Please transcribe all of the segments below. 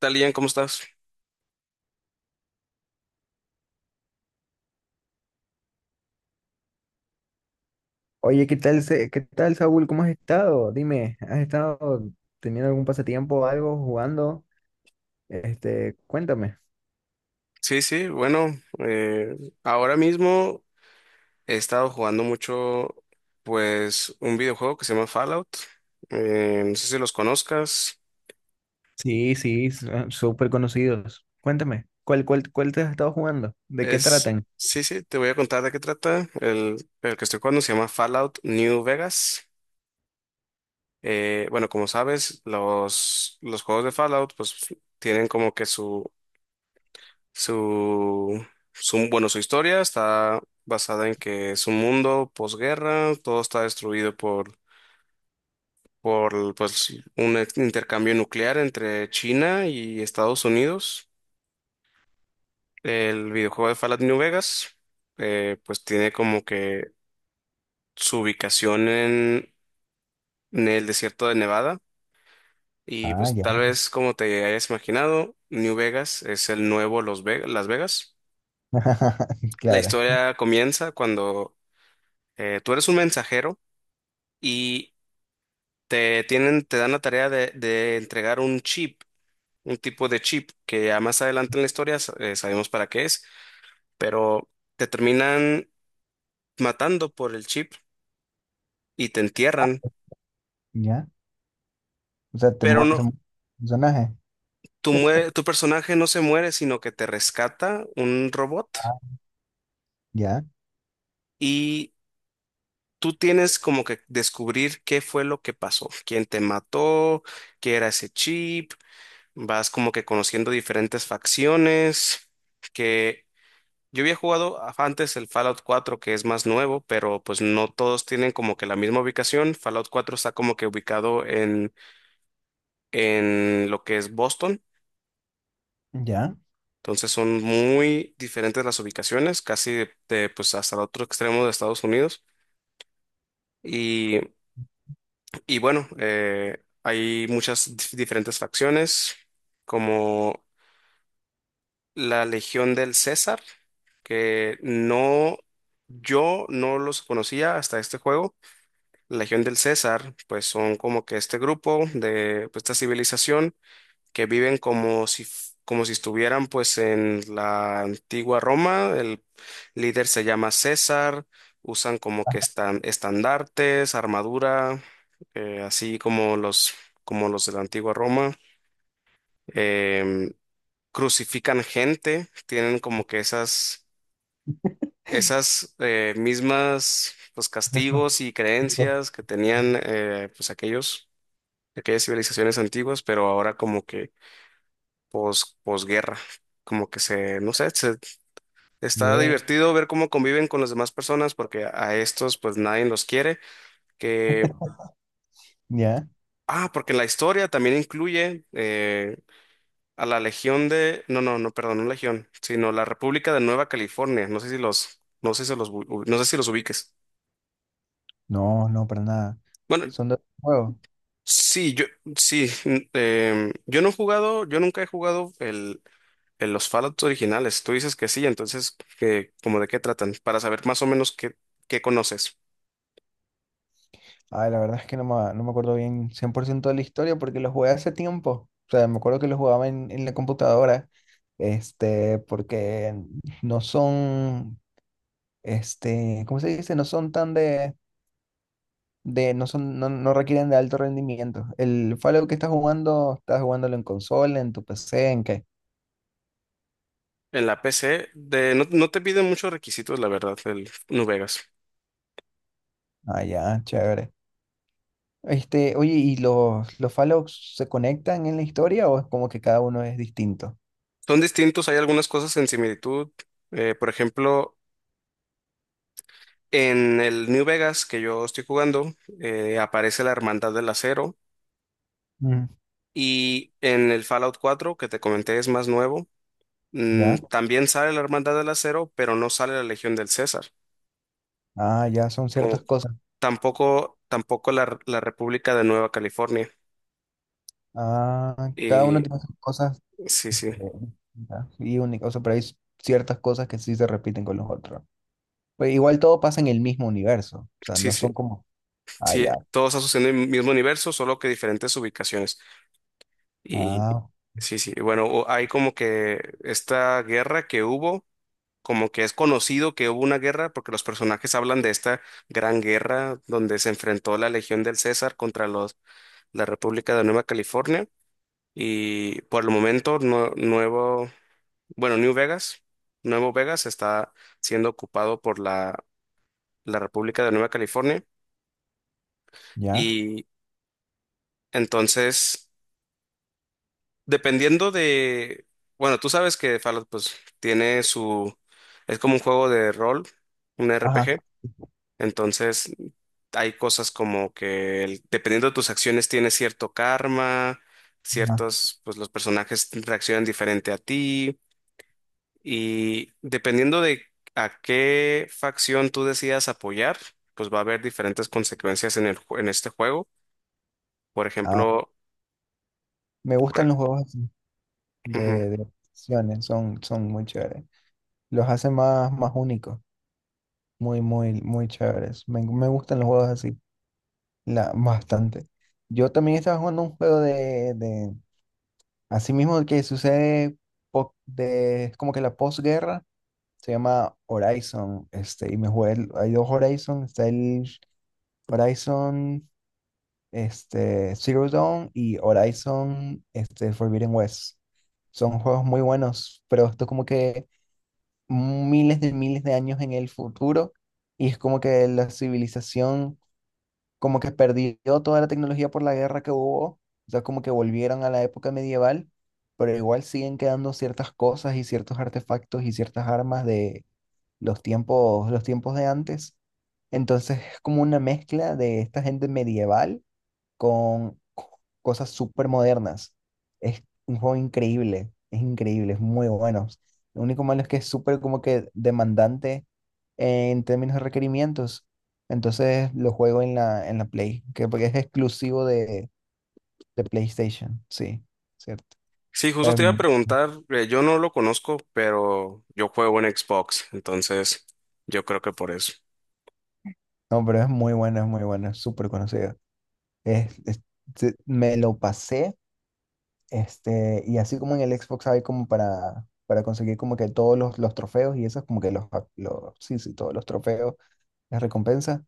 ¿tal, Ian? ¿Cómo estás? Oye, ¿qué tal, qué tal, Saúl? ¿Cómo has estado? Dime, ¿has estado teniendo algún pasatiempo, o algo, jugando? Cuéntame. Sí, sí, bueno, eh, ahora mismo he estado jugando mucho, pues, un videojuego que se llama Fallout. No sé si los conozcas. Sí, sí, súper conocidos. Cuéntame, ¿ cuál te has estado jugando? ¿De qué tratan? Sí, sí, te voy a contar de qué trata. El que estoy jugando se llama Fallout New Vegas. Bueno, como sabes, los juegos de Fallout, pues, tienen como que su, su historia está basada en que es un mundo posguerra, todo está destruido por pues, un intercambio nuclear entre China y Estados Unidos. El videojuego de Fallout New Vegas, pues tiene como que su ubicación en el desierto de Nevada. Y Ah, pues tal ya. vez como te hayas imaginado, New Vegas es el nuevo Las Vegas. La Claro. historia comienza cuando tú eres un mensajero y te dan la tarea de entregar un tipo de chip que ya más adelante en la historia sabemos para qué es, pero te terminan matando por el chip y te entierran, Ya. O sea, pero no, son personajes. tu personaje no se muere, sino que te rescata un robot Ah, ya. y tú tienes como que descubrir qué fue lo que pasó, quién te mató, qué era ese chip, vas como que conociendo diferentes facciones. Que Yo había jugado antes el Fallout 4, que es más nuevo, pero pues no todos tienen como que la misma ubicación. Fallout 4 está como que ubicado en lo que es Boston. ¿Ya? Entonces son muy diferentes las ubicaciones, casi pues hasta el otro extremo de Estados Unidos. Y, y bueno, hay muchas diferentes facciones, como la Legión del César, que no, yo no los conocía hasta este juego. La Legión del César, pues son como que este grupo de pues, esta civilización que viven como si estuvieran pues en la antigua Roma. El líder se llama César, usan como que están estandartes, armadura, así como los de la antigua Roma. Em, crucifican gente, tienen como que esas, mismas pues No, no, castigos y no. creencias que tenían pues aquellos aquellas civilizaciones antiguas, pero ahora como que posguerra, como que no sé, está Bien. divertido ver cómo conviven con las demás personas, porque a estos pues nadie los quiere, que, Ya. Porque la historia también incluye a la Legión de, no, no, no, perdón, no Legión, sino la República de Nueva California, no sé si los, no sé si los, u- no sé si los ubiques. No, no, para nada. Bueno, Son dos juegos. sí, yo, sí, n- em, yo no he jugado, yo nunca he jugado el En los Fallout originales, tú dices que sí, entonces, ¿cómo de qué tratan? Para saber más o menos qué conoces. Ay, la verdad es que no me acuerdo bien 100% de la historia porque lo jugué hace tiempo. O sea, me acuerdo que lo jugaba en la computadora, porque no son, este, ¿cómo se dice? No son tan de no son, no, no requieren de alto rendimiento. El Fallout que estás jugando, estás jugándolo en consola, en tu PC, ¿en qué? En la PC, no, no te piden muchos requisitos, la verdad, el New Vegas. Ah, ya, chévere. Oye, ¿y los Fallouts se conectan en la historia o es como que cada uno es distinto? Son distintos, hay algunas cosas en similitud. Por ejemplo, en el New Vegas que yo estoy jugando, aparece la Hermandad del Acero. Mm. Y en el Fallout 4, que te comenté, es más nuevo. ¿Ya? También sale la Hermandad del Acero, pero no sale la Legión del César. Ah, ya son ciertas Como cosas. tampoco la República de Nueva California. Ah, cada Y uno tiene sus cosas sí, sí, distintas y únicas, o sea, pero hay ciertas cosas que sí se repiten con los otros. Pero igual todo pasa en el mismo universo, o sea, sí, no sí, son como, ah, sí, ya, todo está sucediendo en el mismo universo, solo que diferentes ubicaciones. Y ah, sí, sí, bueno, hay como que esta guerra que hubo, como que es conocido que hubo una guerra, porque los personajes hablan de esta gran guerra donde se enfrentó la Legión del César contra la República de Nueva California. Y por el momento, no, nuevo. Bueno, New Vegas, Nuevo Vegas está siendo ocupado por la República de Nueva California ya, y entonces, dependiendo bueno, tú sabes que Fallout pues tiene es como un juego de rol, un ajá, RPG, entonces hay cosas como que dependiendo de tus acciones tiene cierto karma, ah, pues los personajes reaccionan diferente a ti. Y dependiendo de a qué facción tú decidas apoyar, pues va a haber diferentes consecuencias en en este juego. Por ah. ejemplo, Me gustan por- los juegos así ujú. De opciones, son muy chéveres. Los hacen más, más únicos, muy, muy, muy chéveres. Me gustan los juegos así, la, bastante. Yo también estaba jugando un juego asimismo, el que sucede po- de, es como que la posguerra se llama Horizon, y me jugué, hay dos Horizon, está el Horizon Zero Dawn y Horizon Forbidden West. Son juegos muy buenos, pero esto es como que miles de años en el futuro, y es como que la civilización como que perdió toda la tecnología por la guerra que hubo, o sea, como que volvieron a la época medieval, pero igual siguen quedando ciertas cosas y ciertos artefactos y ciertas armas de los tiempos de antes. Entonces es como una mezcla de esta gente medieval con cosas súper modernas. Es un juego increíble, es muy bueno. Lo único malo es que es súper como que demandante en términos de requerimientos. Entonces lo juego en en la Play, que porque es exclusivo de PlayStation, sí, cierto. Sí, justo Es te iba a mu- preguntar, yo no lo conozco, pero yo juego en Xbox, entonces yo creo que por eso. no, pero es muy bueno, es muy bueno, es súper conocido. Es, es- Me lo pasé. Y así como en el Xbox hay como para conseguir como que todos los trofeos y esas como que sí, sí, todos los trofeos, las recompensas.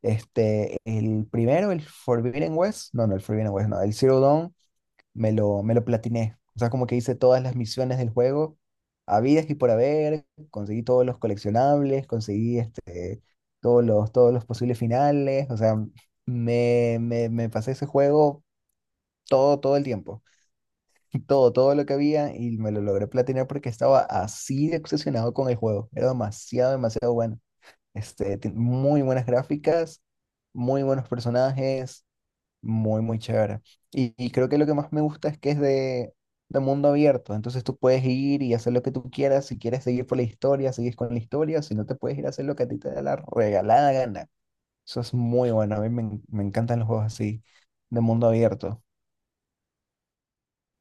El primero, el Forbidden West, no, no, el Forbidden West, no, el Zero Dawn, me lo platiné. O sea, como que hice todas las misiones del juego, habidas y por haber, conseguí todos los coleccionables, conseguí todos todos los posibles finales, o sea, me pasé ese juego todo, todo el tiempo. Todo, todo lo que había y me lo logré platinar porque estaba así de obsesionado con el juego. Era demasiado, demasiado bueno. Muy buenas gráficas, muy buenos personajes, muy, muy chévere. Y creo que lo que más me gusta es que es de mundo abierto. Entonces tú puedes ir y hacer lo que tú quieras. Si quieres seguir por la historia, sigues con la historia. Si no, te puedes ir a hacer lo que a ti te da la regalada gana. Eso es muy bueno. A me encantan los juegos así, de mundo abierto.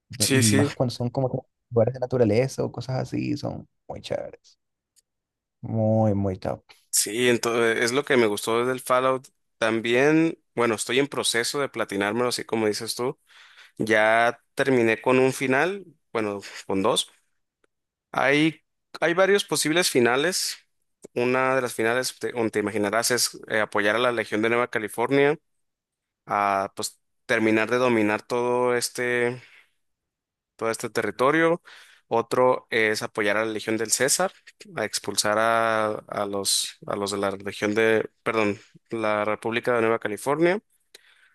Sí, Y sí, más cuando son como que lugares de naturaleza o cosas así, son muy chéveres. Muy, muy top. sí, entonces es lo que me gustó del Fallout. También, bueno, estoy en proceso de platinármelo, así como dices tú. Ya terminé con un final, bueno, con dos. Hay, hay varios posibles finales. Una de las finales, como te imaginarás, es apoyar a la Legión de Nueva California a pues, terminar de dominar todo este territorio. Otro es apoyar a la Legión del César, a expulsar a los de la Legión de, perdón, la República de Nueva California.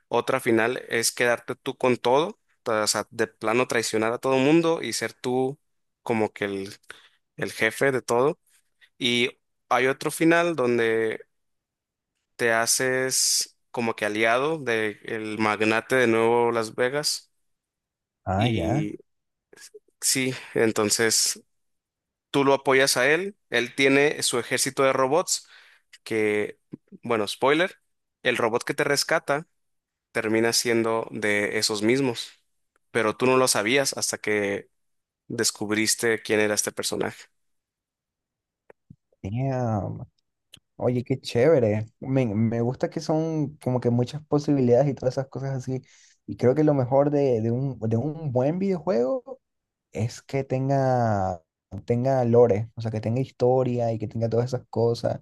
Otra final es quedarte tú con todo, o sea, de plano traicionar a todo mundo y ser tú como que el jefe de todo. Y hay otro final donde te haces como que aliado de el magnate de Nuevo Las Vegas. Ah, ya. Y sí, entonces tú lo apoyas a él. Él tiene su ejército de robots que, bueno, spoiler, el robot que te rescata termina siendo de esos mismos. Pero tú no lo sabías hasta que descubriste quién era este personaje. Damn. Oye, qué chévere. Me gusta que son como que muchas posibilidades y todas esas cosas así. Y creo que lo mejor de un buen videojuego es que tenga, tenga lore, o sea, que tenga historia y que tenga todas esas cosas.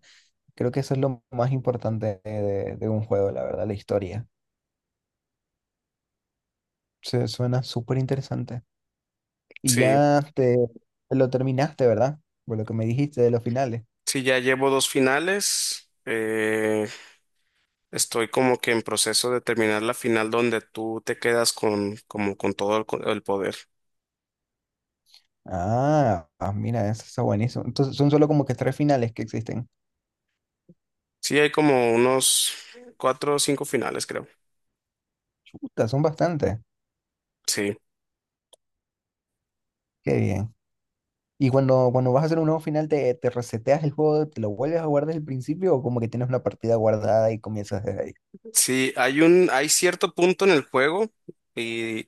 Creo que eso es lo más importante de un juego, la verdad, la historia. Suena súper interesante. Y Sí, ya te lo terminaste, ¿verdad? Por lo que me dijiste de los finales. sí, ya llevo dos finales. Estoy como que en proceso de terminar la final donde tú te quedas con, como con todo el poder. Ah, ah, mira, eso está buenísimo. Entonces son solo como que tres finales que existen. Sí, hay como unos cuatro o cinco finales, creo. Chuta, son bastantes. Sí, Qué bien. Y cuando vas a hacer un nuevo final, te reseteas el juego, te lo vuelves a guardar desde el principio o como que tienes una partida guardada y comienzas desde ahí? sí, hay cierto punto en el juego y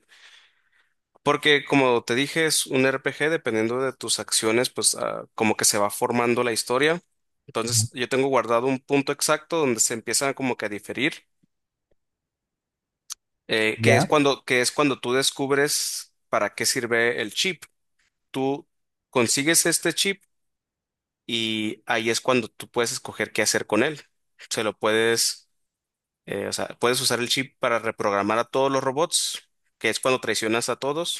porque como te dije es un RPG, dependiendo de tus acciones, pues como que se va formando la historia. Ujú. Entonces yo tengo guardado un punto exacto donde se empiezan como que a diferir, ¿Ya? Que es cuando tú descubres para qué sirve el chip. Tú consigues este chip y ahí es cuando tú puedes escoger qué hacer con él. Se lo puedes, o sea, puedes usar el chip para reprogramar a todos los robots, que es cuando traicionas a todos.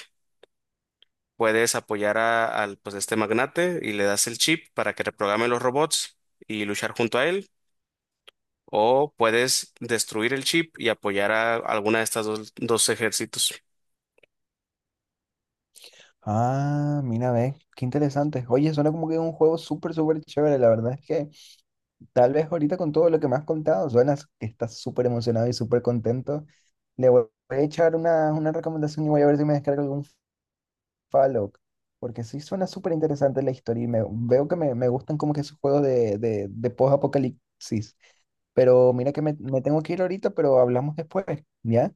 Puedes apoyar al, pues, este magnate y le das el chip para que reprograme los robots y luchar junto a él. O puedes destruir el chip y apoyar a alguna de estas dos ejércitos. Ah, mira, ve, qué interesante. Oye, suena como que un juego súper, súper chévere. La verdad es que tal vez ahorita con todo lo que me has contado, suenas que estás súper emocionado y súper contento. Le voy Voy a echar una recomendación y voy a ver si me descargo algún Fallout. Porque sí suena súper interesante la historia y veo que me gustan como que esos juegos de post-apocalipsis. Pero mira que me tengo que ir ahorita, pero hablamos después, ¿ya?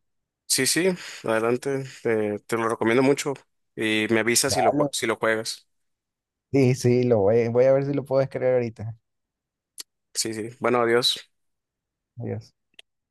Sí, sí, adelante, te lo recomiendo mucho y me avisas Dale. si lo juegas. Sí, sí, voy a ver si lo puedo descargar ahorita. Sí, sí. Bueno, adiós. Adiós.